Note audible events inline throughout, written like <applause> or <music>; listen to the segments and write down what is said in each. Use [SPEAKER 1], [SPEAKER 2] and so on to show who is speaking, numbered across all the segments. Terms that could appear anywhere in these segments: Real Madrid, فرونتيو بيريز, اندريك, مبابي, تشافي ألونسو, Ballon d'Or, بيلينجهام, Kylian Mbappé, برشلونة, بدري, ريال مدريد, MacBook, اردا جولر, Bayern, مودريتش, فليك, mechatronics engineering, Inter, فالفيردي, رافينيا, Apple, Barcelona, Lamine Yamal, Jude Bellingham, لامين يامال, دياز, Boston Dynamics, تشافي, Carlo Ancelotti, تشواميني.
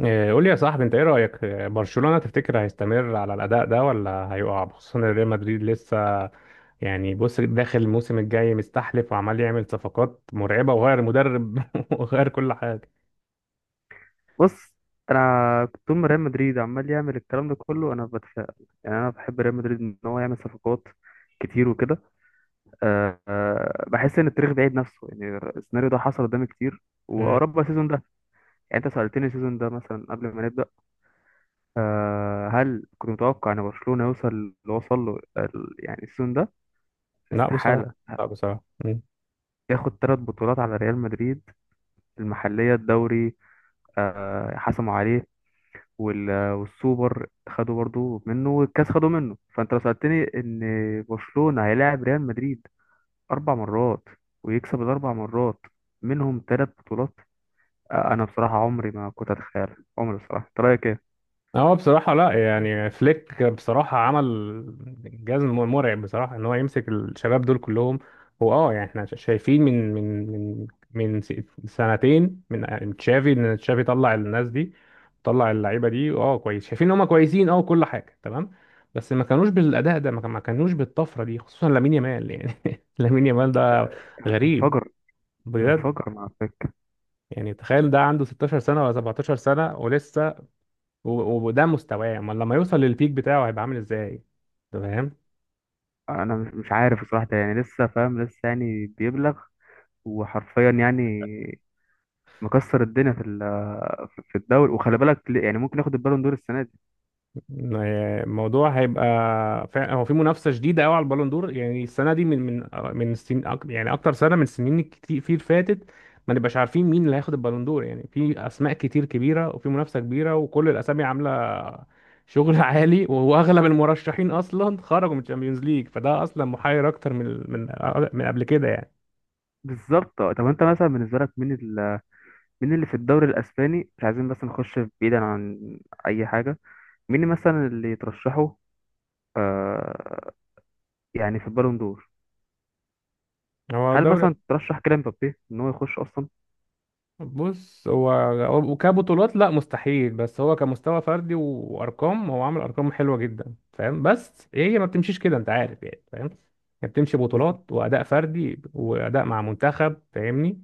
[SPEAKER 1] إيه، قول لي يا صاحبي انت ايه رأيك إيه، برشلونة تفتكر هيستمر على الأداء ده ولا هيقع؟ خصوصا ان ريال مدريد لسه يعني بص داخل الموسم الجاي مستحلف وعمال يعمل صفقات مرعبة وغير مدرب <laughs> وغير كل حاجة.
[SPEAKER 2] بص، انا كنت طول ما ريال مدريد عمال يعمل الكلام ده كله انا بتفائل. يعني انا بحب ريال مدريد ان هو يعمل صفقات كتير وكده. أه آه، بحس ان التاريخ بيعيد نفسه، يعني السيناريو ده حصل قدامي كتير
[SPEAKER 1] مم.
[SPEAKER 2] واوروبا السيزون ده. يعني انت سألتني السيزون ده مثلا قبل ما نبدأ، هل كنت متوقع ان برشلونة يوصل اللي وصل له يعني السيزون ده؟
[SPEAKER 1] لا بصراحة،
[SPEAKER 2] استحالة
[SPEAKER 1] لا بصراحة. مم.
[SPEAKER 2] ياخد ثلاث بطولات على ريال مدريد. المحلية، الدوري، حسموا عليه، والسوبر خدوا برضو منه، والكاس خدوا منه. فانت لو سألتني ان برشلونة هيلاعب ريال مدريد اربع مرات ويكسب الاربع مرات، منهم ثلاث بطولات، انا بصراحة عمري ما كنت اتخيل. عمري. بصراحة انت رايك ايه؟
[SPEAKER 1] هو بصراحة لا، يعني فليك بصراحة عمل جزم مرعب بصراحة ان هو يمسك الشباب دول كلهم. هو اه يعني احنا شايفين من من س- سنتين من تشافي ان تشافي طلع الناس دي، طلع اللعيبة دي، اه كويس، شايفين ان هم كويسين، اه كل حاجة تمام. بس ما كانوش بالأداء ده، ما كانوش بالطفرة دي، خصوصا لامين يامال يعني <laughs> لامين يامال ده غريب
[SPEAKER 2] انفجر.
[SPEAKER 1] بجد.
[SPEAKER 2] انفجر مع الفكرة.
[SPEAKER 1] يعني تخيل ده عنده 16 سنة ولا 17 سنة ولسه وده مستواه، امال لما يوصل للبيك بتاعه هيبقى عامل ازاي؟ أنت فاهم.
[SPEAKER 2] انا مش عارف بصراحة، ده يعني لسه فاهم، لسه يعني بيبلغ، وحرفيا يعني مكسر الدنيا في في الدوري. وخلي بالك، يعني ممكن ياخد البالون دور السنة دي.
[SPEAKER 1] الموضوع هيبقى فعلا، هو في منافسه شديده قوي على البالون دور يعني السنه دي، من يعني اكتر سنه من السنين كتير في فاتت. ما نبقاش عارفين مين اللي هياخد البالون دور، يعني في اسماء كتير كبيره وفي منافسه كبيره وكل الاسامي عامله شغل <laughs> عالي، واغلب المرشحين اصلا خرجوا من الشامبيونز ليج، فده اصلا محير اكتر من من قبل كده يعني.
[SPEAKER 2] بالظبط. طب انت مثلا بالنسبة لك مين، مين في الدوري الاسباني، مش عايزين بس نخش بعيدا عن اي حاجه، مين مثلا اللي ترشحه آه يعني في البالون دور؟
[SPEAKER 1] هو
[SPEAKER 2] هل
[SPEAKER 1] الدوري،
[SPEAKER 2] مثلا ترشح كيليان مبابي ان هو يخش اصلا؟
[SPEAKER 1] بص هو كبطولات لا، مستحيل، بس هو كمستوى فردي وارقام هو عامل ارقام حلوه جدا فاهم، بس هي ما بتمشيش كده، انت عارف يعني فاهم. هي بتمشي بطولات واداء فردي واداء مع منتخب فاهمني.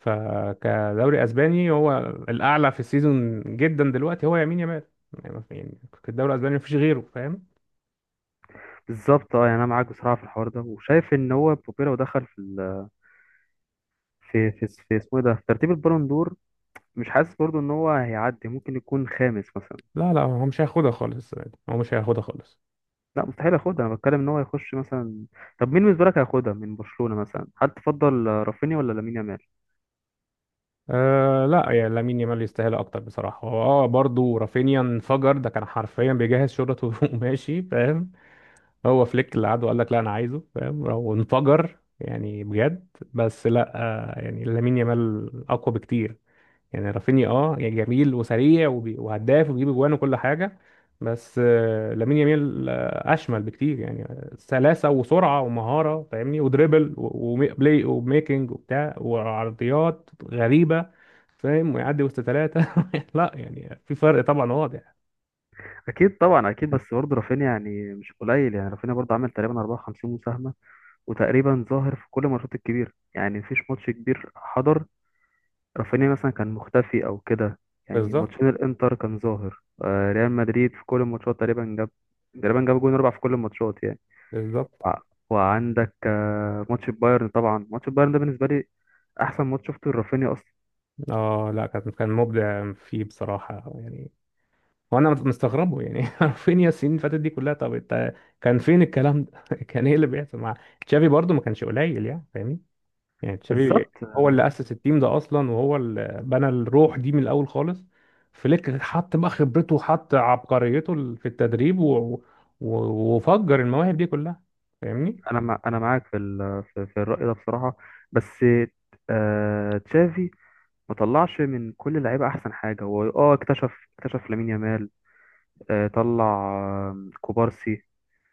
[SPEAKER 1] فكدوري اسباني هو الاعلى في السيزون جدا دلوقتي هو يمين يامال. يعني ما في- يعني في الدوري الاسباني مفيش غيره فاهم.
[SPEAKER 2] بالظبط. اه يعني انا معاك بصراحه في الحوار ده، وشايف ان هو مبابي لو دخل في في في اسمه إيه ده، في ترتيب البالون دور، مش حاسس برضو ان هو هيعدي؟ ممكن يكون خامس مثلا.
[SPEAKER 1] لا لا، هو مش هياخدها خالص السنة دي. هو مش هياخدها خالص.
[SPEAKER 2] لا، مستحيل ياخدها، انا بتكلم ان هو يخش مثلا. طب مين بالنسبه لك هياخدها من برشلونه مثلا؟ هل تفضل رافينيا ولا لامين يامال؟
[SPEAKER 1] أه لا، يعني لامين يامال يستاهل اكتر بصراحه. هو اه برضه رافينيا انفجر، ده كان حرفيا بيجهز شرطه <laughs> وماشي فاهم. هو فليك اللي قعد وقال لك لا انا عايزه فاهم، وانفجر يعني بجد. بس لا، يعني لامين يامال اقوى بكتير. يعني رافينيا اه يعني جميل وسريع وهداف وبيجيب اجوان وكل حاجه، بس لامين يامال اشمل بكتير. يعني سلاسه وسرعه ومهاره فاهمني، ودريبل وبلاي وميكنج وبتاع، وعرضيات غريبه فاهم، ويعدي وسط ثلاثه <laughs> لا يعني في فرق طبعا واضح.
[SPEAKER 2] اكيد طبعا، اكيد. بس برضه رافينيا يعني مش قليل، يعني رافينيا برضه عمل تقريبا 54 مساهمه، وتقريبا ظاهر في كل الماتشات الكبيره. يعني مفيش ماتش كبير حضر رافينيا مثلا كان مختفي او كده. يعني
[SPEAKER 1] بالظبط.
[SPEAKER 2] ماتشين الانتر كان ظاهر، ريال مدريد في كل الماتشات تقريبا جاب، تقريبا جاب جون اربع في كل الماتشات يعني.
[SPEAKER 1] بالظبط.
[SPEAKER 2] وع- وعندك ماتش البايرن. طبعا ماتش البايرن ده بالنسبه لي احسن ماتش شفته لرافينيا اصلا.
[SPEAKER 1] اه لا، كان كان مبدع فيه بصراحه يعني. وانا مستغربه يعني <laughs> فين يا السنين اللي فاتت دي كلها؟ طب انت، كان فين الكلام ده؟ <laughs> كان ايه اللي بيحصل مع تشافي؟ برضه ما كانش قليل يعني فاهمني. يعني تشافي
[SPEAKER 2] بالظبط.
[SPEAKER 1] هو اللي اسس التيم ده اصلا، وهو اللي بنى الروح دي من الاول خالص. فليك حط بقى خبرته وحط عبقريته في التدريب، و... و... وفجر المواهب دي كلها فاهمني.
[SPEAKER 2] انا معاك في في الراي ده بصراحه. بس تشافي ما طلعش من كل اللعيبه احسن حاجه، هو اه اكتشف لامين يامال، آه طلع آه كوبارسي.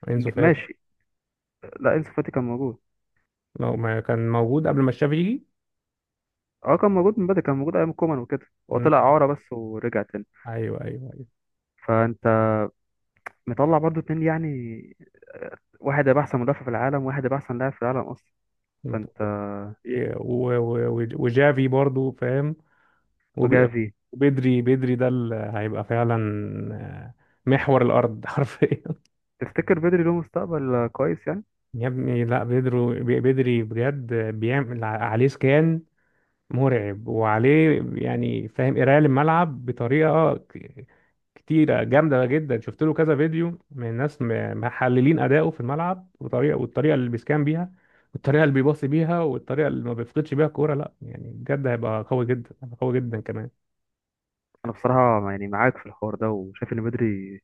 [SPEAKER 1] انسو فاتي
[SPEAKER 2] ماشي، لا انسو فاتي كان موجود.
[SPEAKER 1] لو ما كان موجود قبل ما تشافي يجي.
[SPEAKER 2] اه كان موجود من بدري، كان موجود ايام كومان وكده، هو طلع
[SPEAKER 1] مم.
[SPEAKER 2] اعاره بس ورجع تاني.
[SPEAKER 1] ايوه ايوه ايوه.
[SPEAKER 2] فانت مطلع برضو اتنين يعني، واحد هيبقى احسن مدافع في العالم، واحد هيبقى احسن لاعب في العالم اصلا. فانت
[SPEAKER 1] و... و... و... وجافي برضه فاهم. وب-
[SPEAKER 2] وجافي.
[SPEAKER 1] وبدري ده اللي هيبقى فعلا، آه، محور الارض <laughs> حرفيا.
[SPEAKER 2] تفتكر بدري له مستقبل كويس يعني؟
[SPEAKER 1] يا ابني لا، بدري بجد بيعمل عليه سكان مرعب، وعليه يعني فاهم قرايه للملعب بطريقه كتيره جامده جدا. شفت له كذا فيديو من ناس محللين اداؤه في الملعب وطريقه، والطريقه اللي بيسكان بيها، والطريقه اللي بيباصي بيها، والطريقه اللي ما بيفقدش بيها الكوره. لا يعني بجد هيبقى قوي جدا، هيبقى قوي جدا كمان.
[SPEAKER 2] انا بصراحه يعني معاك في الحوار ده، وشايف ان بدري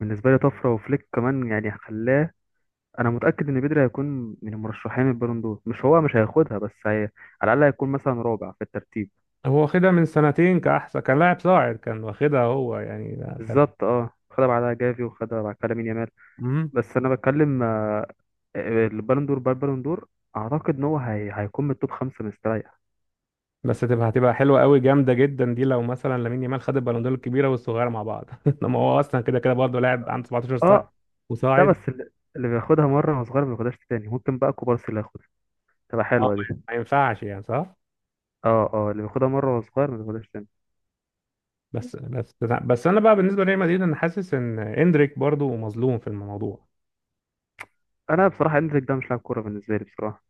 [SPEAKER 2] بالنسبه لي طفره، وفليك كمان يعني خلاه. انا متاكد ان بدري هيكون من المرشحين البالون دور، مش هو مش هياخدها بس على الاقل هيكون مثلا رابع في الترتيب.
[SPEAKER 1] هو واخدها من سنتين كأحسن كان لاعب صاعد، كان واخدها هو يعني ده كان.
[SPEAKER 2] بالظبط. اه، خدها بعدها جافي، وخدها بعد كده مين يامال.
[SPEAKER 1] مم.
[SPEAKER 2] بس انا بتكلم البالون دور بالبالون دور، اعتقد ان هو هيكون من التوب خمسه مستريح.
[SPEAKER 1] بس هتبقى حلوة قوي، جامدة جدا دي، لو مثلا لامين يامال خد البالون دور الكبيرة والصغيرة مع بعض <laughs> انما هو اصلا كده كده برضه لاعب عنده 17 سنة
[SPEAKER 2] اه لا،
[SPEAKER 1] وصاعد.
[SPEAKER 2] بس اللي اللي بياخدها مره وهو صغير ما بياخدهاش تاني. ممكن بقى كوبارسي اللي ياخدها، تبقى
[SPEAKER 1] اه
[SPEAKER 2] حلوه دي.
[SPEAKER 1] ما ينفعش يعني صح.
[SPEAKER 2] اه اللي بياخدها مره وهو صغير ما بياخدهاش تاني.
[SPEAKER 1] بس بس بس انا بقى بالنسبة لريال مدريد، انا حاسس ان اندريك برضه مظلوم في الموضوع.
[SPEAKER 2] انا بصراحه اندريك ده مش لاعب كوره بالنسبه لي بصراحه،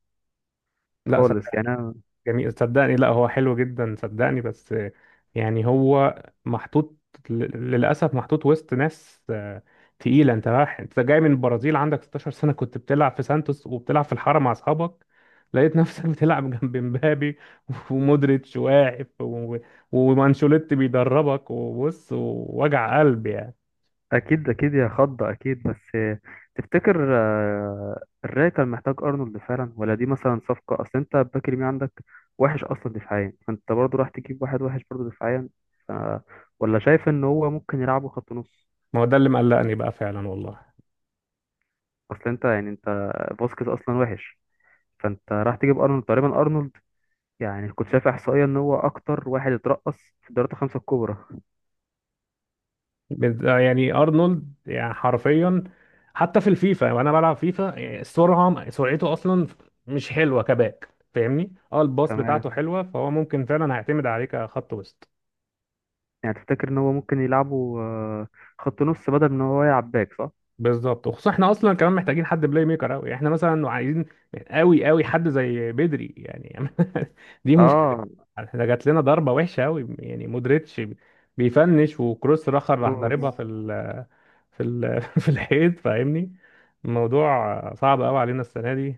[SPEAKER 1] لا
[SPEAKER 2] خالص يعني.
[SPEAKER 1] صدقني،
[SPEAKER 2] انا
[SPEAKER 1] جميل صدقني، لا هو حلو جدا صدقني. بس يعني هو محطوط ل- للأسف، محطوط وسط ناس تقيلة. انت رايح، انت جاي من البرازيل عندك 16 سنة، كنت بتلعب في سانتوس، وبتلعب في الحارة مع أصحابك، لقيت نفسك <laughs> بتلعب جنب مبابي <laughs> ومودريتش واقف، و- ومانشيلوتي بيدربك وبص. ووجع قلب يعني.
[SPEAKER 2] اكيد، اكيد يا خض، اكيد. بس تفتكر الراي كان محتاج ارنولد فعلا ولا دي مثلا صفقه؟ اصل انت الباك اليمين عندك وحش اصلا دفاعيا، فانت برضو راح تجيب واحد وحش برضو دفاعيا، ف... ولا شايف ان هو ممكن يلعبه خط نص؟
[SPEAKER 1] ما هو ده اللي مقلقني بقى فعلا والله.
[SPEAKER 2] اصل انت يعني انت، فاسكيز اصلا وحش، فانت راح تجيب ارنولد. تقريبا ارنولد يعني كنت شايف احصائيه ان هو اكتر واحد اترقص في الدوريات الخمسه الكبرى.
[SPEAKER 1] يعني ارنولد يعني حرفيا، حتى في الفيفا وانا بلعب فيفا، يعني السرعه، سرعته اصلا مش حلوه كباك فاهمني. اه الباص
[SPEAKER 2] كمان
[SPEAKER 1] بتاعته حلوه، فهو ممكن فعلا هيعتمد عليك كخط وسط.
[SPEAKER 2] يعني تفتكر ان هو ممكن يلعبه خط نص بدل ان هو يلعب باك؟ صح.
[SPEAKER 1] بالظبط، وخصوصا احنا اصلا كمان محتاجين حد بلاي ميكر قوي. احنا مثلا عايزين قوي قوي حد زي بدري يعني <laughs> دي مشكله.
[SPEAKER 2] اه
[SPEAKER 1] احنا جات لنا ضربه وحشه قوي يعني، مودريتش بيفنش وكروس راخر راح ضاربها
[SPEAKER 2] كروس.
[SPEAKER 1] في ال في ال <laughs> في الحيط فاهمني. الموضوع صعب قوي علينا السنه دي.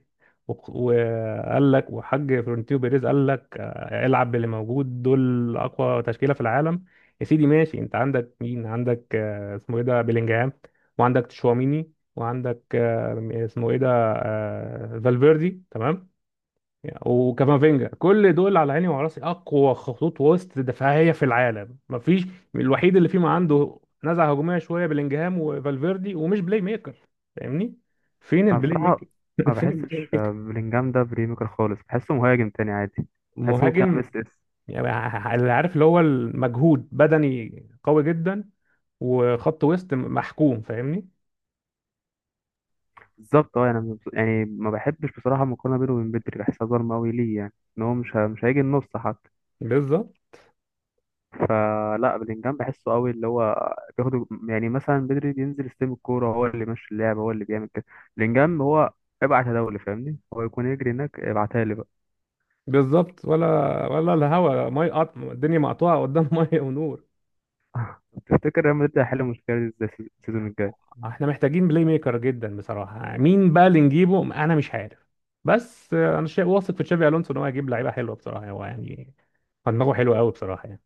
[SPEAKER 1] وقال لك وحاج فرونتيو بيريز قال لك العب باللي موجود، دول اقوى تشكيله في العالم. يا سيدي ماشي، انت عندك مين؟ عندك اسمه ايه ده، بيلينجهام، وعندك تشواميني، وعندك آه، اسمه ايه ده، آه، فالفيردي تمام، وكافافينجا. كل دول على عيني وعلى راسي، اقوى خطوط وسط دفاعيه في العالم، مفيش. الوحيد اللي فيهم عنده نزعه هجوميه شويه بلينجهام وفالفيردي، ومش بلاي ميكر فاهمني. فين
[SPEAKER 2] انا
[SPEAKER 1] البلاي
[SPEAKER 2] بصراحه
[SPEAKER 1] ميكر؟ <laughs>
[SPEAKER 2] ما
[SPEAKER 1] فين البلاي
[SPEAKER 2] بحسش
[SPEAKER 1] ميكر؟
[SPEAKER 2] بلينجهام ده بريميكر خالص، بحسه مهاجم تاني عادي، بحسه ممكن العب
[SPEAKER 1] مهاجم،
[SPEAKER 2] اس اس.
[SPEAKER 1] يعني اللي عارف اللي هو المجهود بدني قوي جدا وخط وسط محكوم فاهمني.
[SPEAKER 2] بالظبط. اه يعني، يعني ما بحبش بصراحه المقارنه بينه وبين بدري، بحسها ظالمه قوي ليه يعني. ان هو مش هيجي النص حتى.
[SPEAKER 1] بالظبط.
[SPEAKER 2] فلا، بلينجهام بحسه قوي، اللي هو بياخد يعني. مثلا بدري بينزل يستلم الكوره، هو اللي ماشي اللعب، هو اللي بيعمل كده. بلينجهام هو ابعت يا دولي، فاهمني؟ هو يكون يجري هناك، ابعتها لي بقى.
[SPEAKER 1] بالظبط، ولا، ولا الهوا مي قط، الدنيا مقطوعه قدام <laughs> ميه ونور.
[SPEAKER 2] تفتكر ريال مدريد هيحل المشكله دي ازاي السيزون الجاي؟
[SPEAKER 1] احنا محتاجين بلاي ميكر جدا بصراحه. مين بقى اللي نجيبه؟ انا مش عارف. بس انا شيء واثق في تشافي الونسو ان هو هيجيب لعيبه حلوه بصراحه. هو يعني دماغه حلو قوي بصراحه يعني.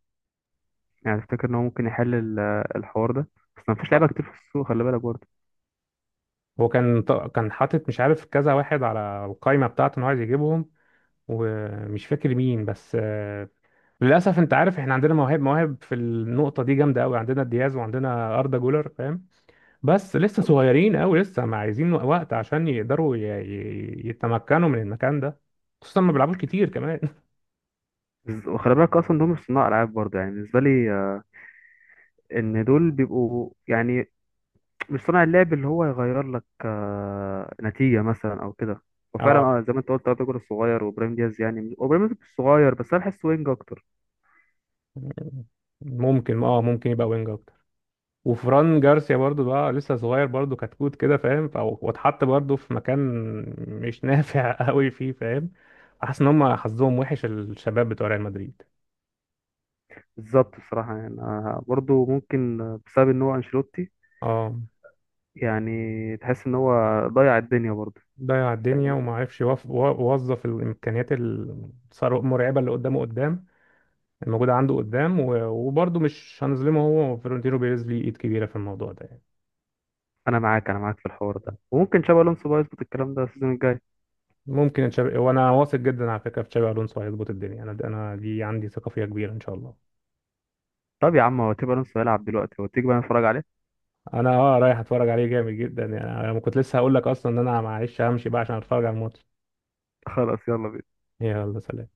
[SPEAKER 2] يعني تفتكر ان هو ممكن يحل الحوار ده؟ بس ما فيش لعيبه
[SPEAKER 1] آه.
[SPEAKER 2] كتير في السوق، خلي بالك برضه.
[SPEAKER 1] هو كان كان حاطط مش عارف كذا واحد على القائمه بتاعته ان هو عايز يجيبهم، ومش فاكر مين، بس للاسف انت عارف، احنا عندنا مواهب، مواهب في النقطه دي جامده قوي، عندنا دياز وعندنا اردا جولر فاهم، بس لسه صغيرين قوي، لسه ما عايزين وقت عشان يقدروا يتمكنوا من المكان ده، خصوصا ما بيلعبوش كتير كمان
[SPEAKER 2] وخلي بالك اصلا دول مش صناع العاب برضه، يعني بالنسبه لي ان دول بيبقوا يعني مش صناع اللعب اللي هو يغير لك نتيجه مثلا او كده.
[SPEAKER 1] <laughs>
[SPEAKER 2] وفعلا
[SPEAKER 1] اه
[SPEAKER 2] اه، زي ما انت قلت، ابيجر الصغير وابراهيم دياز. يعني وابراهيم دياز مش صغير، بس انا بحس وينج اكتر.
[SPEAKER 1] ممكن، اه ممكن يبقى وينج اكتر. وفران جارسيا برضو بقى لسه صغير برضو كتكوت كده فاهم، واتحط برضو في مكان مش نافع <laughs> قوي فيه فاهم. حاسس ان هم حظهم وحش الشباب بتوع ريال مدريد.
[SPEAKER 2] بالظبط. بصراحه يعني أنا برضه ممكن بسبب ان هو انشيلوتي،
[SPEAKER 1] اه
[SPEAKER 2] يعني تحس ان هو ضيع الدنيا برضه.
[SPEAKER 1] ضيع الدنيا، وما عرفش يوظف الامكانيات المرعبه اللي قدامه، قدام موجودة عنده قدام. و- وبرضه مش هنظلمه، هو فلورنتينو بيريز ليه إيد كبيرة في الموضوع ده يعني.
[SPEAKER 2] انا معاك، انا معاك في الحوار ده. وممكن شابي الونسو بقى يظبط الكلام ده السيزون الجاي.
[SPEAKER 1] ممكن تشابي، وأنا واثق جدا على فكرة في تشابي ألونسو هيظبط الدنيا. أنا دي عندي ثقة فيها كبيرة إن شاء الله.
[SPEAKER 2] طب يا عم، هو تيبي الونسو هيلعب دلوقتي، هو تيجي بقى نتفرج عليه؟
[SPEAKER 1] أنا أه رايح أتفرج عليه جامد جدا. يعني أنا كنت لسه هقول لك أصلا إن أنا معلش همشي بقى عشان أتفرج على الماتش.
[SPEAKER 2] <laughs> خلاص يلا بينا.
[SPEAKER 1] يلا سلام.